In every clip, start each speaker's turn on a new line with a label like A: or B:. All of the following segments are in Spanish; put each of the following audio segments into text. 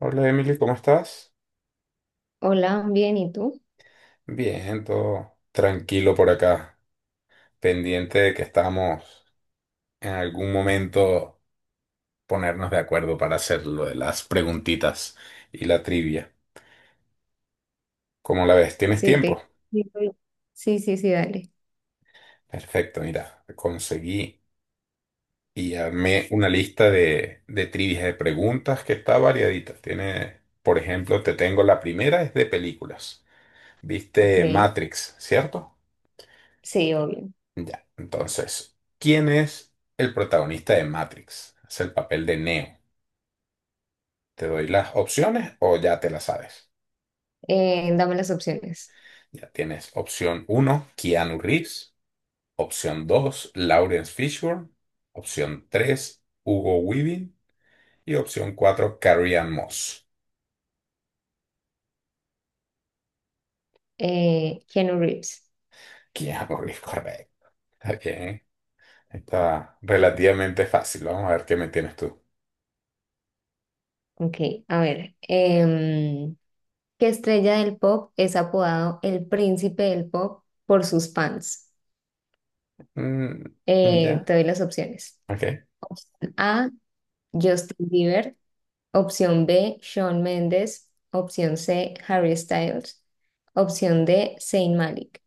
A: Hola Emily, ¿cómo estás?
B: Hola, bien, ¿y tú?
A: Bien, todo tranquilo por acá, pendiente de que estamos en algún momento ponernos de acuerdo para hacer lo de las preguntitas y la trivia. ¿Cómo la ves? ¿Tienes
B: Sí,
A: tiempo?
B: te... Sí, estoy- sí, sí, sí, dale.
A: Perfecto, mira, conseguí y armé una lista de trivias de preguntas que está variadita. Tiene, por ejemplo, te tengo la primera, es de películas.
B: Ok,
A: ¿Viste Matrix, cierto?
B: sí, obvio.
A: Ya, entonces, ¿quién es el protagonista de Matrix? Es el papel de Neo. ¿Te doy las opciones o ya te las sabes?
B: Dame las opciones.
A: Ya tienes opción uno, Keanu Reeves. Opción 2, Lawrence Fishburne. Opción 3, Hugo Weaving. Y opción 4, Carrie Ann Moss.
B: Keanu Reeves.
A: Keanu Reeves, correcto. Está bien. Está relativamente fácil. Vamos a ver qué me tienes tú.
B: Ok, a ver. em, ¿Qué estrella del pop es apodado el príncipe del pop por sus fans?
A: Mm, ya,
B: Te doy las opciones.
A: ok.
B: Opción A, Justin Bieber. Opción B, Shawn Mendes. Opción C, Harry Styles. Opción D, Zayn Malik.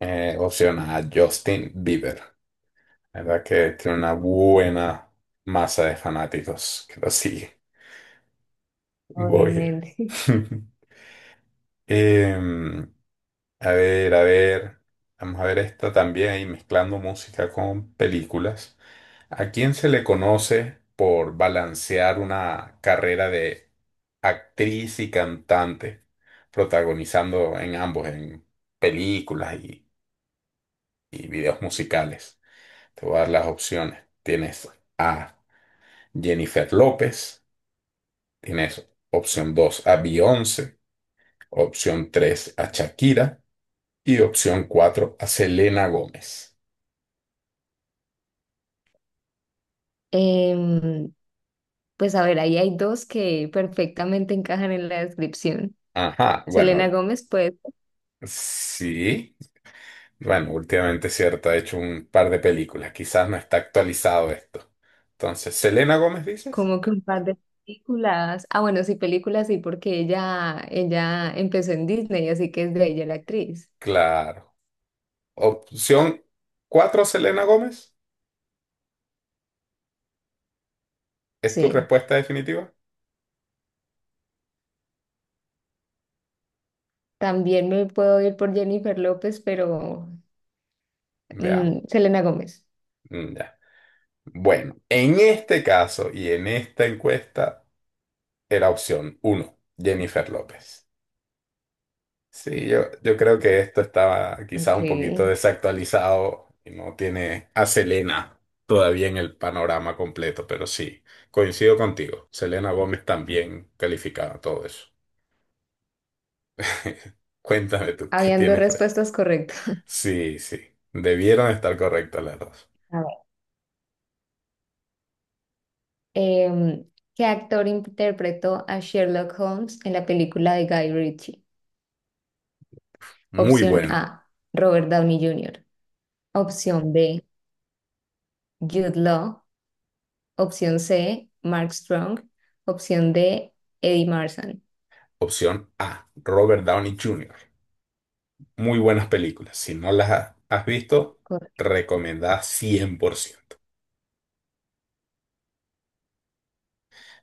A: Opción A, Justin Bieber. La verdad que tiene una buena masa de fanáticos que lo sigue. Voy.
B: Obviamente.
A: Em, a ver, a ver. Vamos a ver esta también ahí mezclando música con películas. ¿A quién se le conoce por balancear una carrera de actriz y cantante, protagonizando en ambos, en películas y videos musicales? Te voy a dar las opciones. Tienes a Jennifer López. Tienes opción 2 a Beyoncé, opción 3 a Shakira y opción 4 a Selena Gómez.
B: Em, pues a ver, ahí hay dos que perfectamente encajan en la descripción.
A: Ajá,
B: Selena
A: bueno,
B: Gómez, pues,
A: sí. Bueno, últimamente cierto, ha hecho un par de películas. Quizás no está actualizado esto. Entonces, ¿Selena Gómez dices?
B: como que un par de películas. Ah, bueno, sí, películas, sí, porque ella empezó en Disney, así que es de ella la actriz.
A: Claro. Opción 4, Selena Gómez. ¿Es tu
B: Sí.
A: respuesta definitiva?
B: También me puedo ir por Jennifer López, pero
A: Veamos.
B: mm, Selena Gómez.
A: Mm, ya. Bueno, en este caso y en esta encuesta era opción uno, Jennifer López. Sí, yo creo que esto estaba quizás
B: Ok.
A: un poquito desactualizado y no tiene a Selena todavía en el panorama completo, pero sí, coincido contigo. Selena Gómez también calificaba todo eso. Cuéntame tú, ¿qué
B: Habían dos
A: tienes, Freddy?
B: respuestas correctas.
A: Sí, sí, debieron estar correctas las dos.
B: A ver. Em, ¿Qué actor interpretó a Sherlock Holmes en la película de Guy Ritchie?
A: Muy
B: Opción
A: buena.
B: A, Robert Downey Jr. Opción B, Jude Law. Opción C, Mark Strong. Opción D, Eddie Marsan.
A: Opción A, Robert Downey Jr. Muy buenas películas. Si no las has visto,
B: Correcto.
A: recomendada ciento.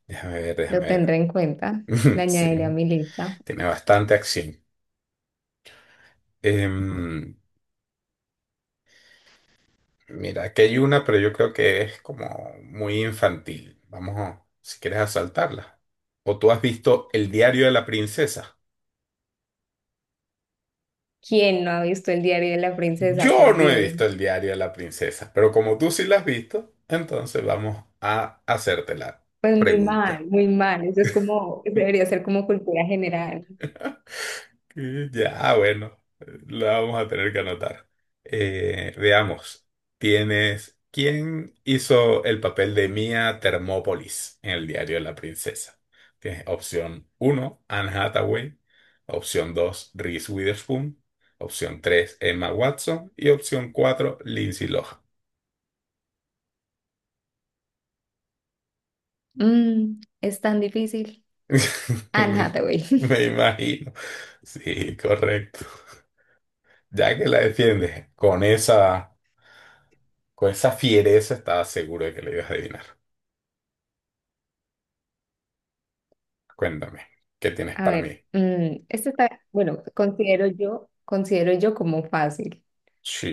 A: Déjame ver,
B: Lo
A: déjame
B: tendré
A: ver.
B: en cuenta. La añadiré a
A: Sí.
B: mi lista.
A: Tiene bastante acción. Em, Mira, aquí hay una, pero yo creo que es como muy infantil. Vamos, si quieres asaltarla. ¿O tú has visto El diario de la princesa?
B: ¿Quién no ha visto el diario de la princesa?
A: Yo
B: Por
A: no he
B: Dios.
A: visto El diario de la princesa, pero como tú sí la has visto, entonces vamos a hacerte la
B: Pues muy
A: pregunta.
B: mal, muy mal. Eso es como, debería ser como cultura general.
A: Ya, bueno, la vamos a tener que anotar. Veamos, tienes, ¿quién hizo el papel de Mia Thermopolis en el diario de la princesa? Tienes opción uno, Anne Hathaway, opción 2, Reese Witherspoon, opción 3, Emma Watson y opción 4, Lindsay Lohan.
B: Mm, es tan difícil. Anne
A: Me,
B: Hathaway.
A: me imagino. Sí, correcto. Ya que la defiendes con esa... Con esa fiereza estaba seguro de que le ibas a adivinar. Cuéntame, ¿qué tienes
B: A
A: para
B: ver,
A: mí?
B: mm, este está, bueno, considero yo como fácil.
A: Sí,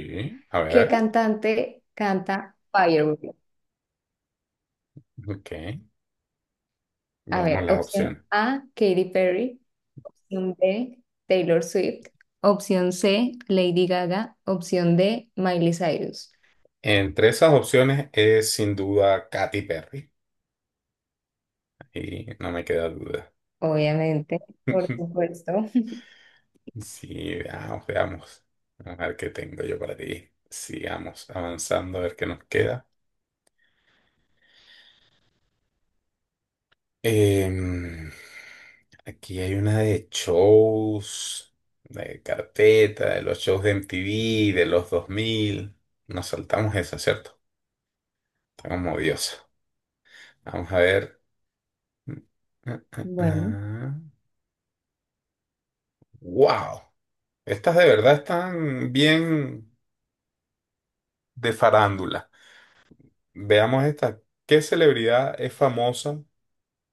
A: a
B: ¿Qué
A: ver,
B: cantante canta Firework?
A: ok.
B: A
A: Veamos
B: ver,
A: las
B: opción
A: opciones.
B: A, Katy Perry. Opción B, Taylor Swift. Opción C, Lady Gaga. Opción D, Miley Cyrus.
A: Entre esas opciones es sin duda Katy Perry. Y no me queda duda.
B: Obviamente, por supuesto.
A: Sí, veamos, veamos. A ver qué tengo yo para ti. Sigamos avanzando a ver qué nos queda. Em, Aquí hay una de shows, de carpeta, de los shows de MTV, de los 2000. Nos saltamos esa, ¿cierto? Está como odiosa. Vamos a ver.
B: Bueno,
A: ¡Wow! Estas de verdad están bien de farándula. Veamos esta. ¿Qué celebridad es famosa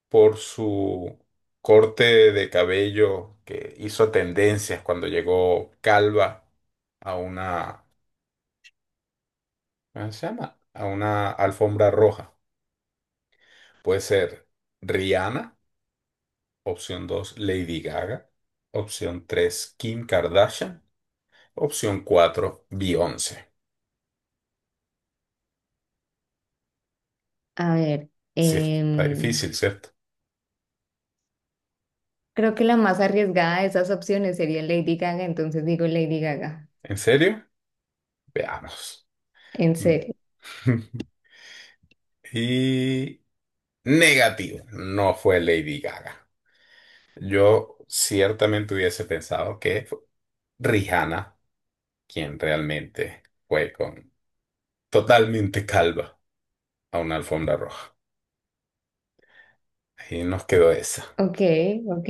A: por su corte de cabello que hizo tendencias cuando llegó calva a una, ¿cómo se llama? A una alfombra roja. Puede ser Rihanna, opción 2 Lady Gaga, opción 3 Kim Kardashian, opción 4 Beyoncé.
B: a ver,
A: Sí, está difícil, ¿cierto?
B: creo que la más arriesgada de esas opciones sería Lady Gaga, entonces digo Lady Gaga.
A: ¿En serio? Veamos.
B: En serio.
A: Y negativo, no fue Lady Gaga. Yo ciertamente hubiese pensado que fue Rihanna quien realmente fue con totalmente calva a una alfombra roja. Y nos quedó esa.
B: Ok, ok,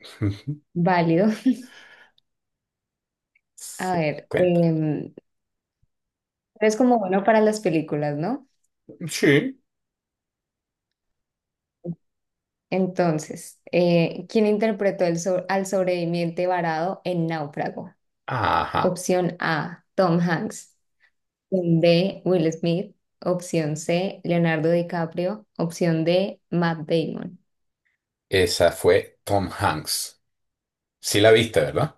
B: válido. A
A: Sí,
B: ver,
A: cuenta.
B: eres como bueno para las películas, ¿no?
A: Sí.
B: Entonces, ¿quién interpretó al sobreviviente varado en Náufrago?
A: Ajá.
B: Opción A, Tom Hanks. Opción B, Will Smith. Opción C, Leonardo DiCaprio. Opción D, Matt Damon.
A: Esa fue Tom Hanks. Sí la viste, ¿verdad?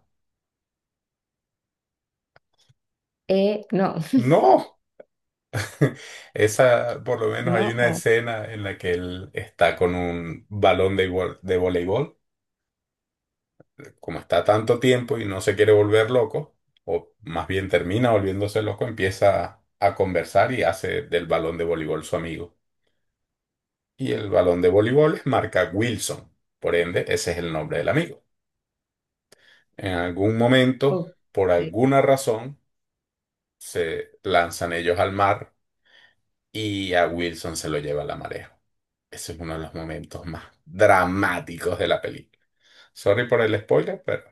B: No,
A: No. Esa, por lo menos hay
B: no.
A: una
B: Oh,
A: escena en la que él está con un balón de, de voleibol como está tanto tiempo y no se quiere volver loco, o más bien termina volviéndose loco, empieza a conversar y hace del balón de voleibol su amigo. Y el balón de voleibol es marca Wilson, por ende, ese es el nombre del amigo. En algún momento,
B: ok.
A: por alguna razón, se lanzan ellos al mar y a Wilson se lo lleva la marea. Ese es uno de los momentos más dramáticos de la película. Sorry por el spoiler, pero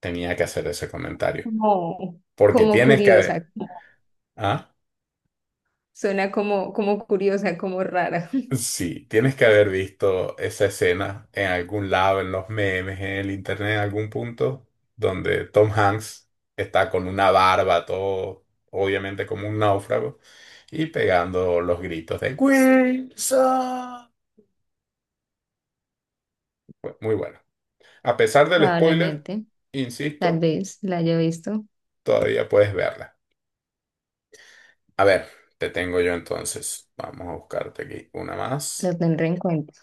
A: tenía que hacer ese comentario.
B: Como,
A: Porque
B: como
A: tienes que
B: curiosa,
A: ver.
B: como-
A: ¿Ah?
B: Suena como, como curiosa, como rara.
A: Sí, tienes que haber visto esa escena en algún lado, en los memes, en el internet, en algún punto, donde Tom Hanks está con una barba, todo obviamente como un náufrago, y pegando los gritos de Wilson. Fue muy bueno. A pesar del spoiler,
B: Probablemente, tal
A: insisto,
B: vez la haya visto,
A: todavía puedes verla. A ver, te tengo yo entonces. Vamos a buscarte aquí una más.
B: lo tendré en cuenta.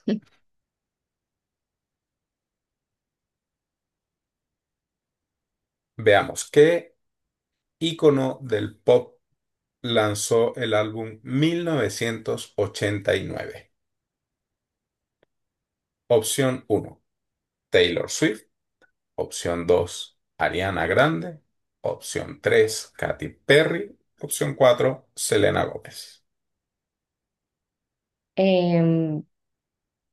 A: Veamos, ¿qué ícono del pop lanzó el álbum 1989? Opción uno, Taylor Swift. Opción 2, Ariana Grande. Opción 3, Katy Perry. Opción 4, Selena Gómez.
B: Em,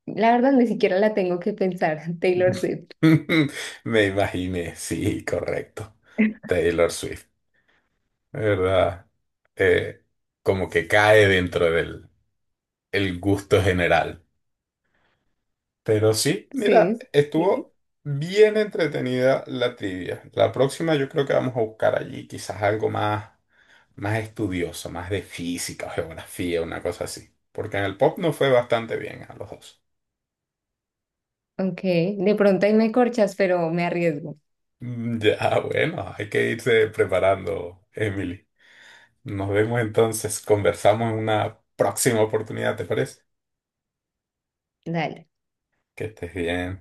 B: la verdad, ni siquiera la tengo que pensar, Taylor Swift.
A: Me imaginé, sí, correcto. Taylor Swift, ¿verdad? Eh, Como que cae dentro del el gusto general. Pero sí, mira,
B: Sí, sí.
A: estuvo bien entretenida la trivia. La próxima yo creo que vamos a buscar allí quizás algo más, más estudioso, más de física o geografía, una cosa así. Porque en el pop nos fue bastante bien a los dos.
B: Ok, de pronto ahí me corchas, pero me arriesgo.
A: Mm, ya, bueno, hay que irse preparando, Emily. Nos vemos entonces, conversamos en una próxima oportunidad, ¿te parece?
B: Dale.
A: Que estés bien.